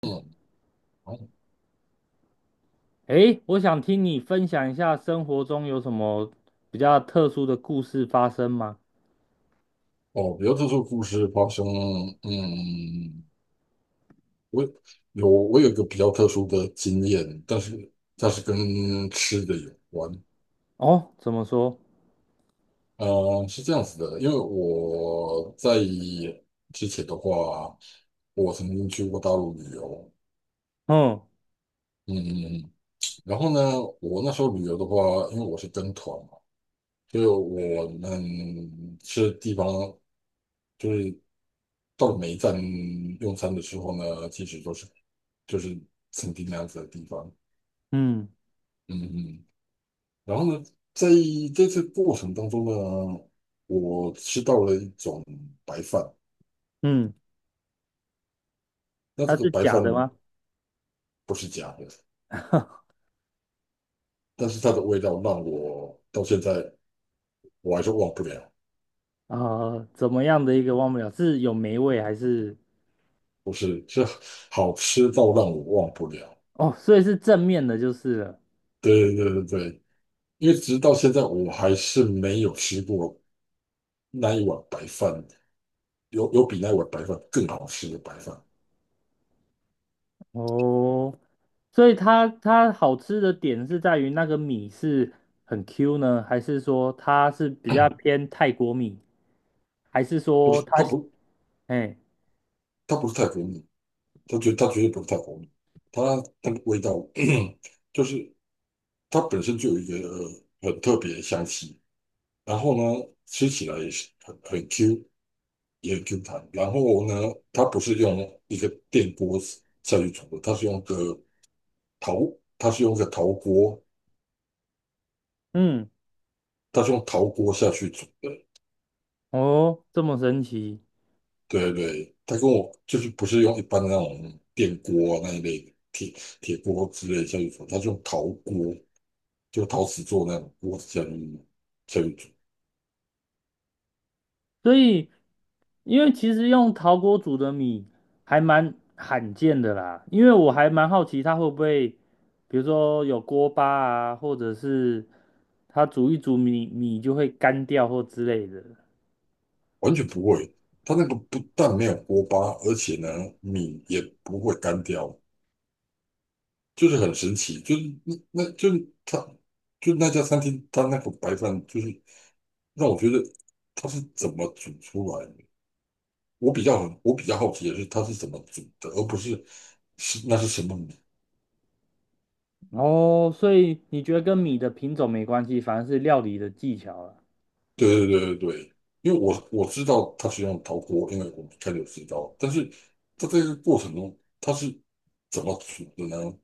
嗯，诶，我想听你分享一下生活中有什么比较特殊的故事发生吗？哦，比较特殊的故事发生，嗯，我我有一个比较特殊的经验，但是它是跟吃的有关。哦，怎么说？是这样子的，因为我在之前的话，我曾经去过大陆旅游，嗯嗯，然后呢，我那时候旅游的话，因为我是跟团嘛，所以我们去的地方就是到了每一站用餐的时候呢，其实都是就是曾经那样子的地方，嗯嗯嗯。然后呢，在这次过程当中呢，我吃到了一种白饭，嗯，那它这个是白假的饭吗？不是假的，但是它的味道让我到现在我还是忘不了，啊、怎么样的一个忘不了？是有霉味还是？不是，是好吃到让我忘不了，哦，所以是正面的，就是了。对对对对，因为直到现在我还是没有吃过那一碗白饭。有比那碗白饭更好吃的白饭，哦，所以它好吃的点是在于那个米是很 Q 呢，还是说它是比较偏泰国米，还是不说是它哎它不是泰国米，它绝对不是泰国米，它那个味道 就是它本身就有一个很特别的香气，然后呢吃起来也是很 Q 也很 Q 弹，然后呢它不是用一个电锅下去煮的，陶它是用个陶锅，嗯它是用陶锅下去煮的。哦这么神奇？对对，他跟我就是不是用一般的那种电锅啊那一类的铁锅之类的下去煮，他是用陶锅，就陶瓷做那种锅子下去煮，所以，因为其实用陶锅煮的米还蛮罕见的啦，因为我还蛮好奇它会不会，比如说有锅巴啊，或者是它煮一煮米就会干掉或之类的。完全不会。它那个不但没有锅巴，而且呢米也不会干掉，就是很神奇。就是那就是它就那家餐厅，它那个白饭就是让我觉得它是怎么煮出来的。我比较好奇的是它是怎么煮的，而不是是那是什么。哦，所以你觉得跟米的品种没关系，反而是料理的技巧了。对对对对对，因为我知道他是用陶锅，因为我们开始有知道，但是他在这个过程中他是怎么煮的呢？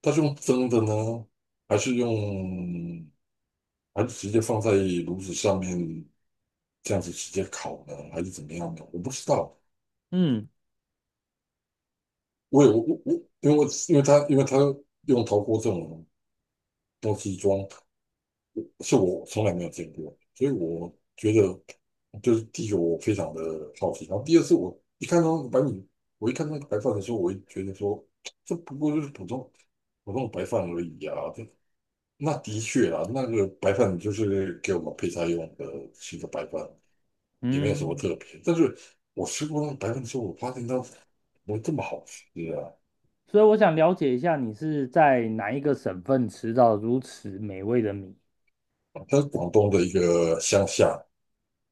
他是用蒸的呢，还是用还是直接放在炉子上面这样子直接烤呢，还是怎么样呢？我不知道，嗯，我也我我我，因为他用陶锅这种东西装是我从来没有见过，所以我觉得就是第一个我非常的好奇，然后第二次我一看到白米，我一看到白饭的时候，我也觉得说这不过就是普通的白饭而已啊，这那的确啊，那个白饭就是给我们配菜用的是的白饭，也没有什么嗯，特别。但是我吃过那个白饭之后，我发现它怎么这么好吃啊！所以我想了解一下，你是在哪一个省份吃到如此美味的米？它是广东的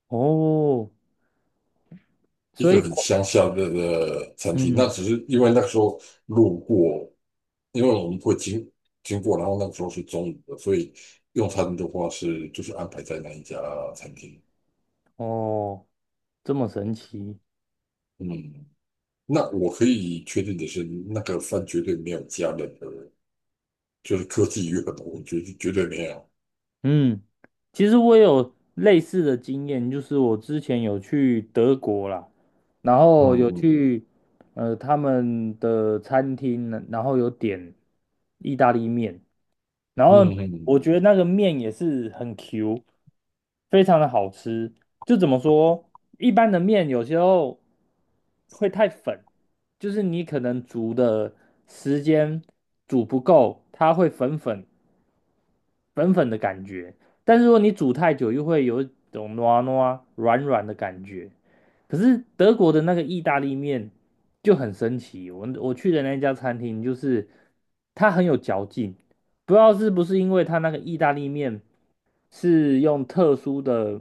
哦，一所个以，很乡下的餐厅，那嗯，只是因为那时候路过，因为我们会经过，然后那个时候是中午的，所以用餐的话就是安排在那一家餐厅。哦。这么神奇，嗯，那我可以确定的是，那个饭绝对没有加任何，就是科技与狠活，绝对绝对没有。嗯，其实我有类似的经验，就是我之前有去德国啦，然后嗯有嗯去他们的餐厅，然后有点意大利面，然后我嗯觉得那个面也是很 Q，非常的好吃。就怎么说，一般的面有时候会太粉，就是你可能煮的时间煮不够，它会粉粉。粉粉的感觉，但是如果你煮太久，又会有一种糯啊糯啊软软的感觉。可是德国的那个意大利面就很神奇，我去的那家餐厅就是它很有嚼劲，不知道是不是因为它那个意大利面是用特殊的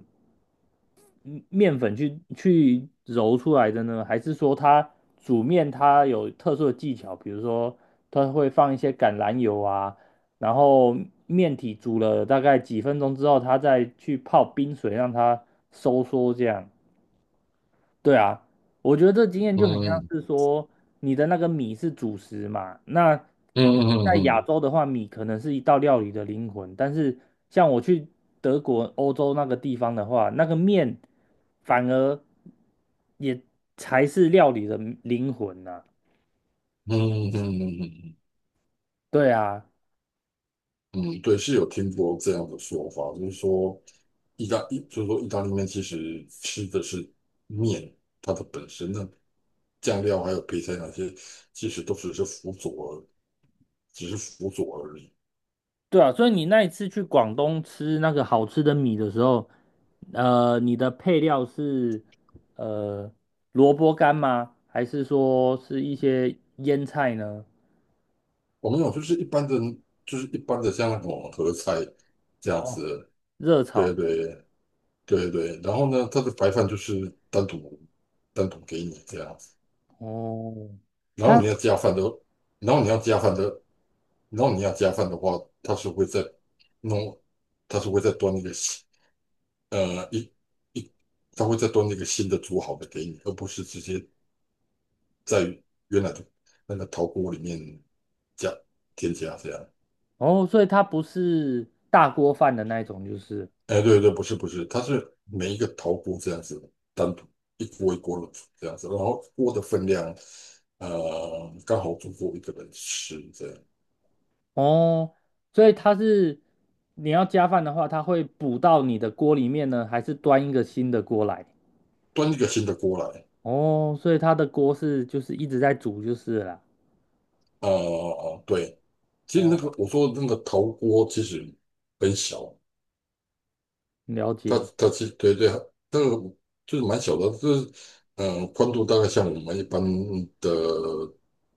面粉去揉出来的呢？还是说它煮面它有特殊的技巧？比如说它会放一些橄榄油啊，然后面体煮了大概几分钟之后，它再去泡冰水让它收缩这样。对啊，我觉得这经验就很像嗯是说，你的那个米是主食嘛。那嗯嗯嗯在亚嗯洲的话，米可能是一道料理的灵魂，但是像我去德国、欧洲那个地方的话，那个面反而也才是料理的灵魂呐、嗯嗯嗯嗯嗯嗯。对啊，嗯，对，是有听过这样的说法，就是说意大利面其实吃的是面它的本身，那酱料还有配菜那些，其实都只是辅佐而只是辅佐而已。对啊，所以你那一次去广东吃那个好吃的米的时候，你的配料是呃萝卜干吗？还是说是一些腌菜呢？我们有就是一般的，就是一般的像那种合菜这样哦，子，热对炒。对对对。然后呢，它的白饭就是单独给你这样子，哦，然后它你要加饭的，然后你要加饭的，然后你要加饭的话，弄，他是会再端一个新呃一一，他会再端一个新的煮好的给你，而不是直接在原来的那个陶锅里面加添加这样。哦，所以它不是大锅饭的那一种，就是哎，对对，不是不是，它是每一个陶锅这样子单独一锅一锅的煮这样子，然后锅的分量刚好足够一个人吃这样，哦，所以它是你要加饭的话，它会补到你的锅里面呢，还是端一个新的锅来？端一个新的锅来。哦，所以它的锅是就是一直在煮就是了哦哦哦，对，其实那个哦。我说的那个陶锅其实很小，了它解，它其实对对，那个就是蛮小的，就是宽度大概像我们一般的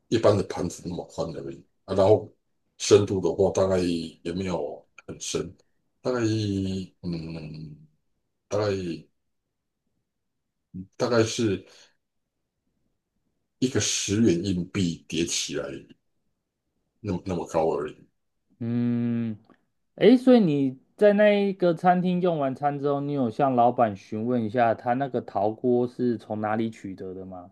盘子那么宽而已啊。然后深度的话，大概也没有很深，大概嗯，大概大概是一个10元硬币叠起来那么高而已。嗯，诶，所以你在那一个餐厅用完餐之后，你有向老板询问一下他那个陶锅是从哪里取得的吗？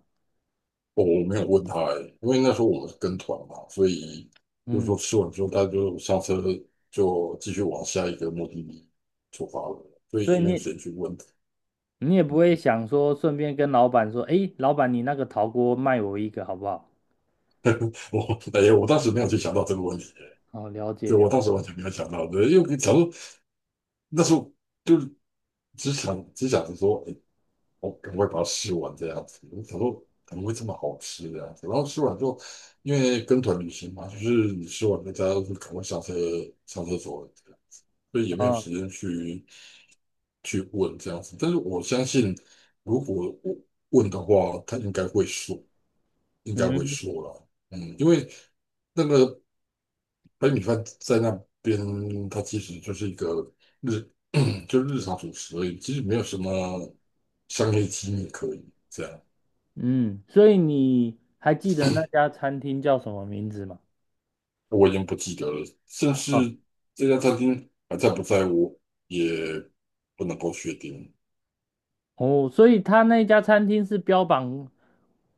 我没有问他欸，因为那时候我们是跟团嘛，所以就是说嗯，吃完之后，他就上车就继续往下一个目的地出发了，所以所以也没有你时间去问。也不会想说顺便跟老板说，诶，老板，你那个陶锅卖我一个好不好？哎呀，我当时没有去想到这个问题欸。哦，了解对，我了当解，时完全没有想到，对，因为想说那时候就是只想着说，哎，我赶快把它吃完这样子。我想说怎么会这么好吃这样子？然后吃完之后，因为跟团旅行嘛，就是你吃完大家就赶快上车上厕所这样子，所以也没有哦，时间去问这样子。但是我相信，如果问问的话，他应该会说，应该会嗯说了。嗯，因为那个白米饭在那边，它其实就是一个日，就是日常主食而已，其实没有什么商业机密可以这样。嗯，所以你还记得那家餐厅叫什么名字吗？我已经不记得了，甚哦，至这家餐厅还在不在我也不能够确定。哦，所以他那家餐厅是标榜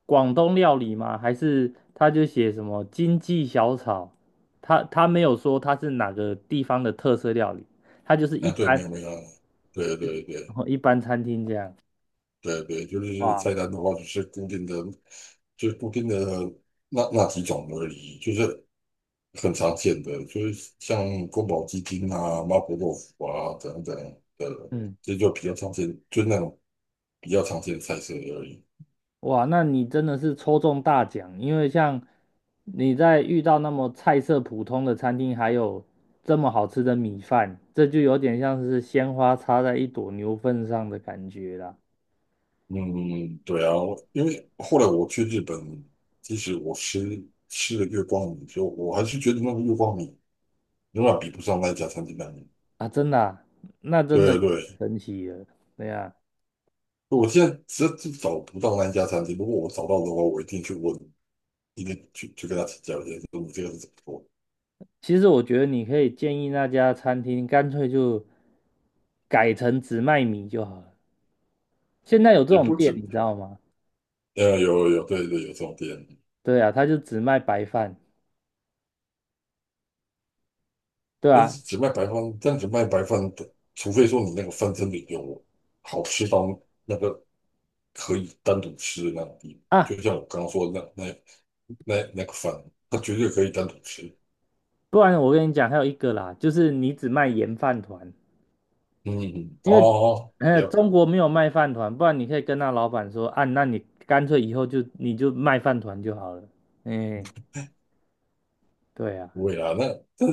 广东料理吗？还是他就写什么经济小炒？他没有说他是哪个地方的特色料理，他就是一啊，对，没般 有没有，对对对 一般餐厅这样。对对，就是哇，菜单的话，就是固定的那几种而已，就是很常见的，就是像宫保鸡丁啊、麻婆豆腐啊等等的，嗯，这就比较常见，就那种比较常见的菜色而已。哇，那你真的是抽中大奖，因为像你在遇到那么菜色普通的餐厅，还有这么好吃的米饭，这就有点像是鲜花插在一朵牛粪上的感觉啦。嗯，对啊，因为后来我去日本，即使我吃了月光米，就我还是觉得那个月光米永远比不上那一家餐厅的米。啊，真的啊那真的有对点对，神奇了，对呀。我现在实在是找不到那一家餐厅，如果我找到的话，我一定去问，一定去跟他请教一下，说你这个是怎么做，其实我觉得你可以建议那家餐厅干脆就改成只卖米就好了。现在有这也种不止，店，你知道吗？有有有，对对，有这种店。对啊，他就只卖白饭，对就啊是只卖白饭，但只卖白饭的，除非说你那个饭真的有好吃到那个可以单独吃的那种地步，啊，就像我刚刚说的那个饭，它绝对可以单独吃。不然我跟你讲，还有一个啦，就是你只卖盐饭团，嗯，嗯因为哦，也中国没有卖饭团，不然你可以跟那老板说啊，那你干脆以后就你就卖饭团就好了。哎，对啊，不会啦，那但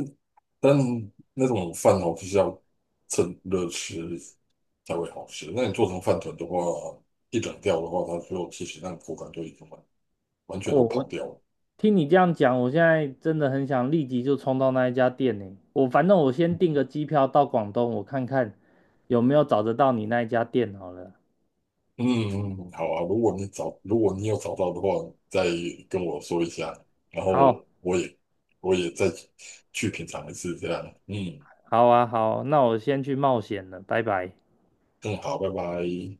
但那种饭哦，就是要趁热吃才会好吃。那你做成饭团的话，一冷掉的话，它就其实那个口感就已经完全哦，都我跑掉了。听你这样讲，我现在真的很想立即就冲到那一家店呢。我反正我先订个机票到广东，我看看有没有找得到你那一家店好了。嗯嗯，嗯好啊。如果你有找到的话，再跟我说一下，然后好，我也我也再去品尝一次，这样。嗯，好啊，好，那我先去冒险了，拜拜。更好，拜拜。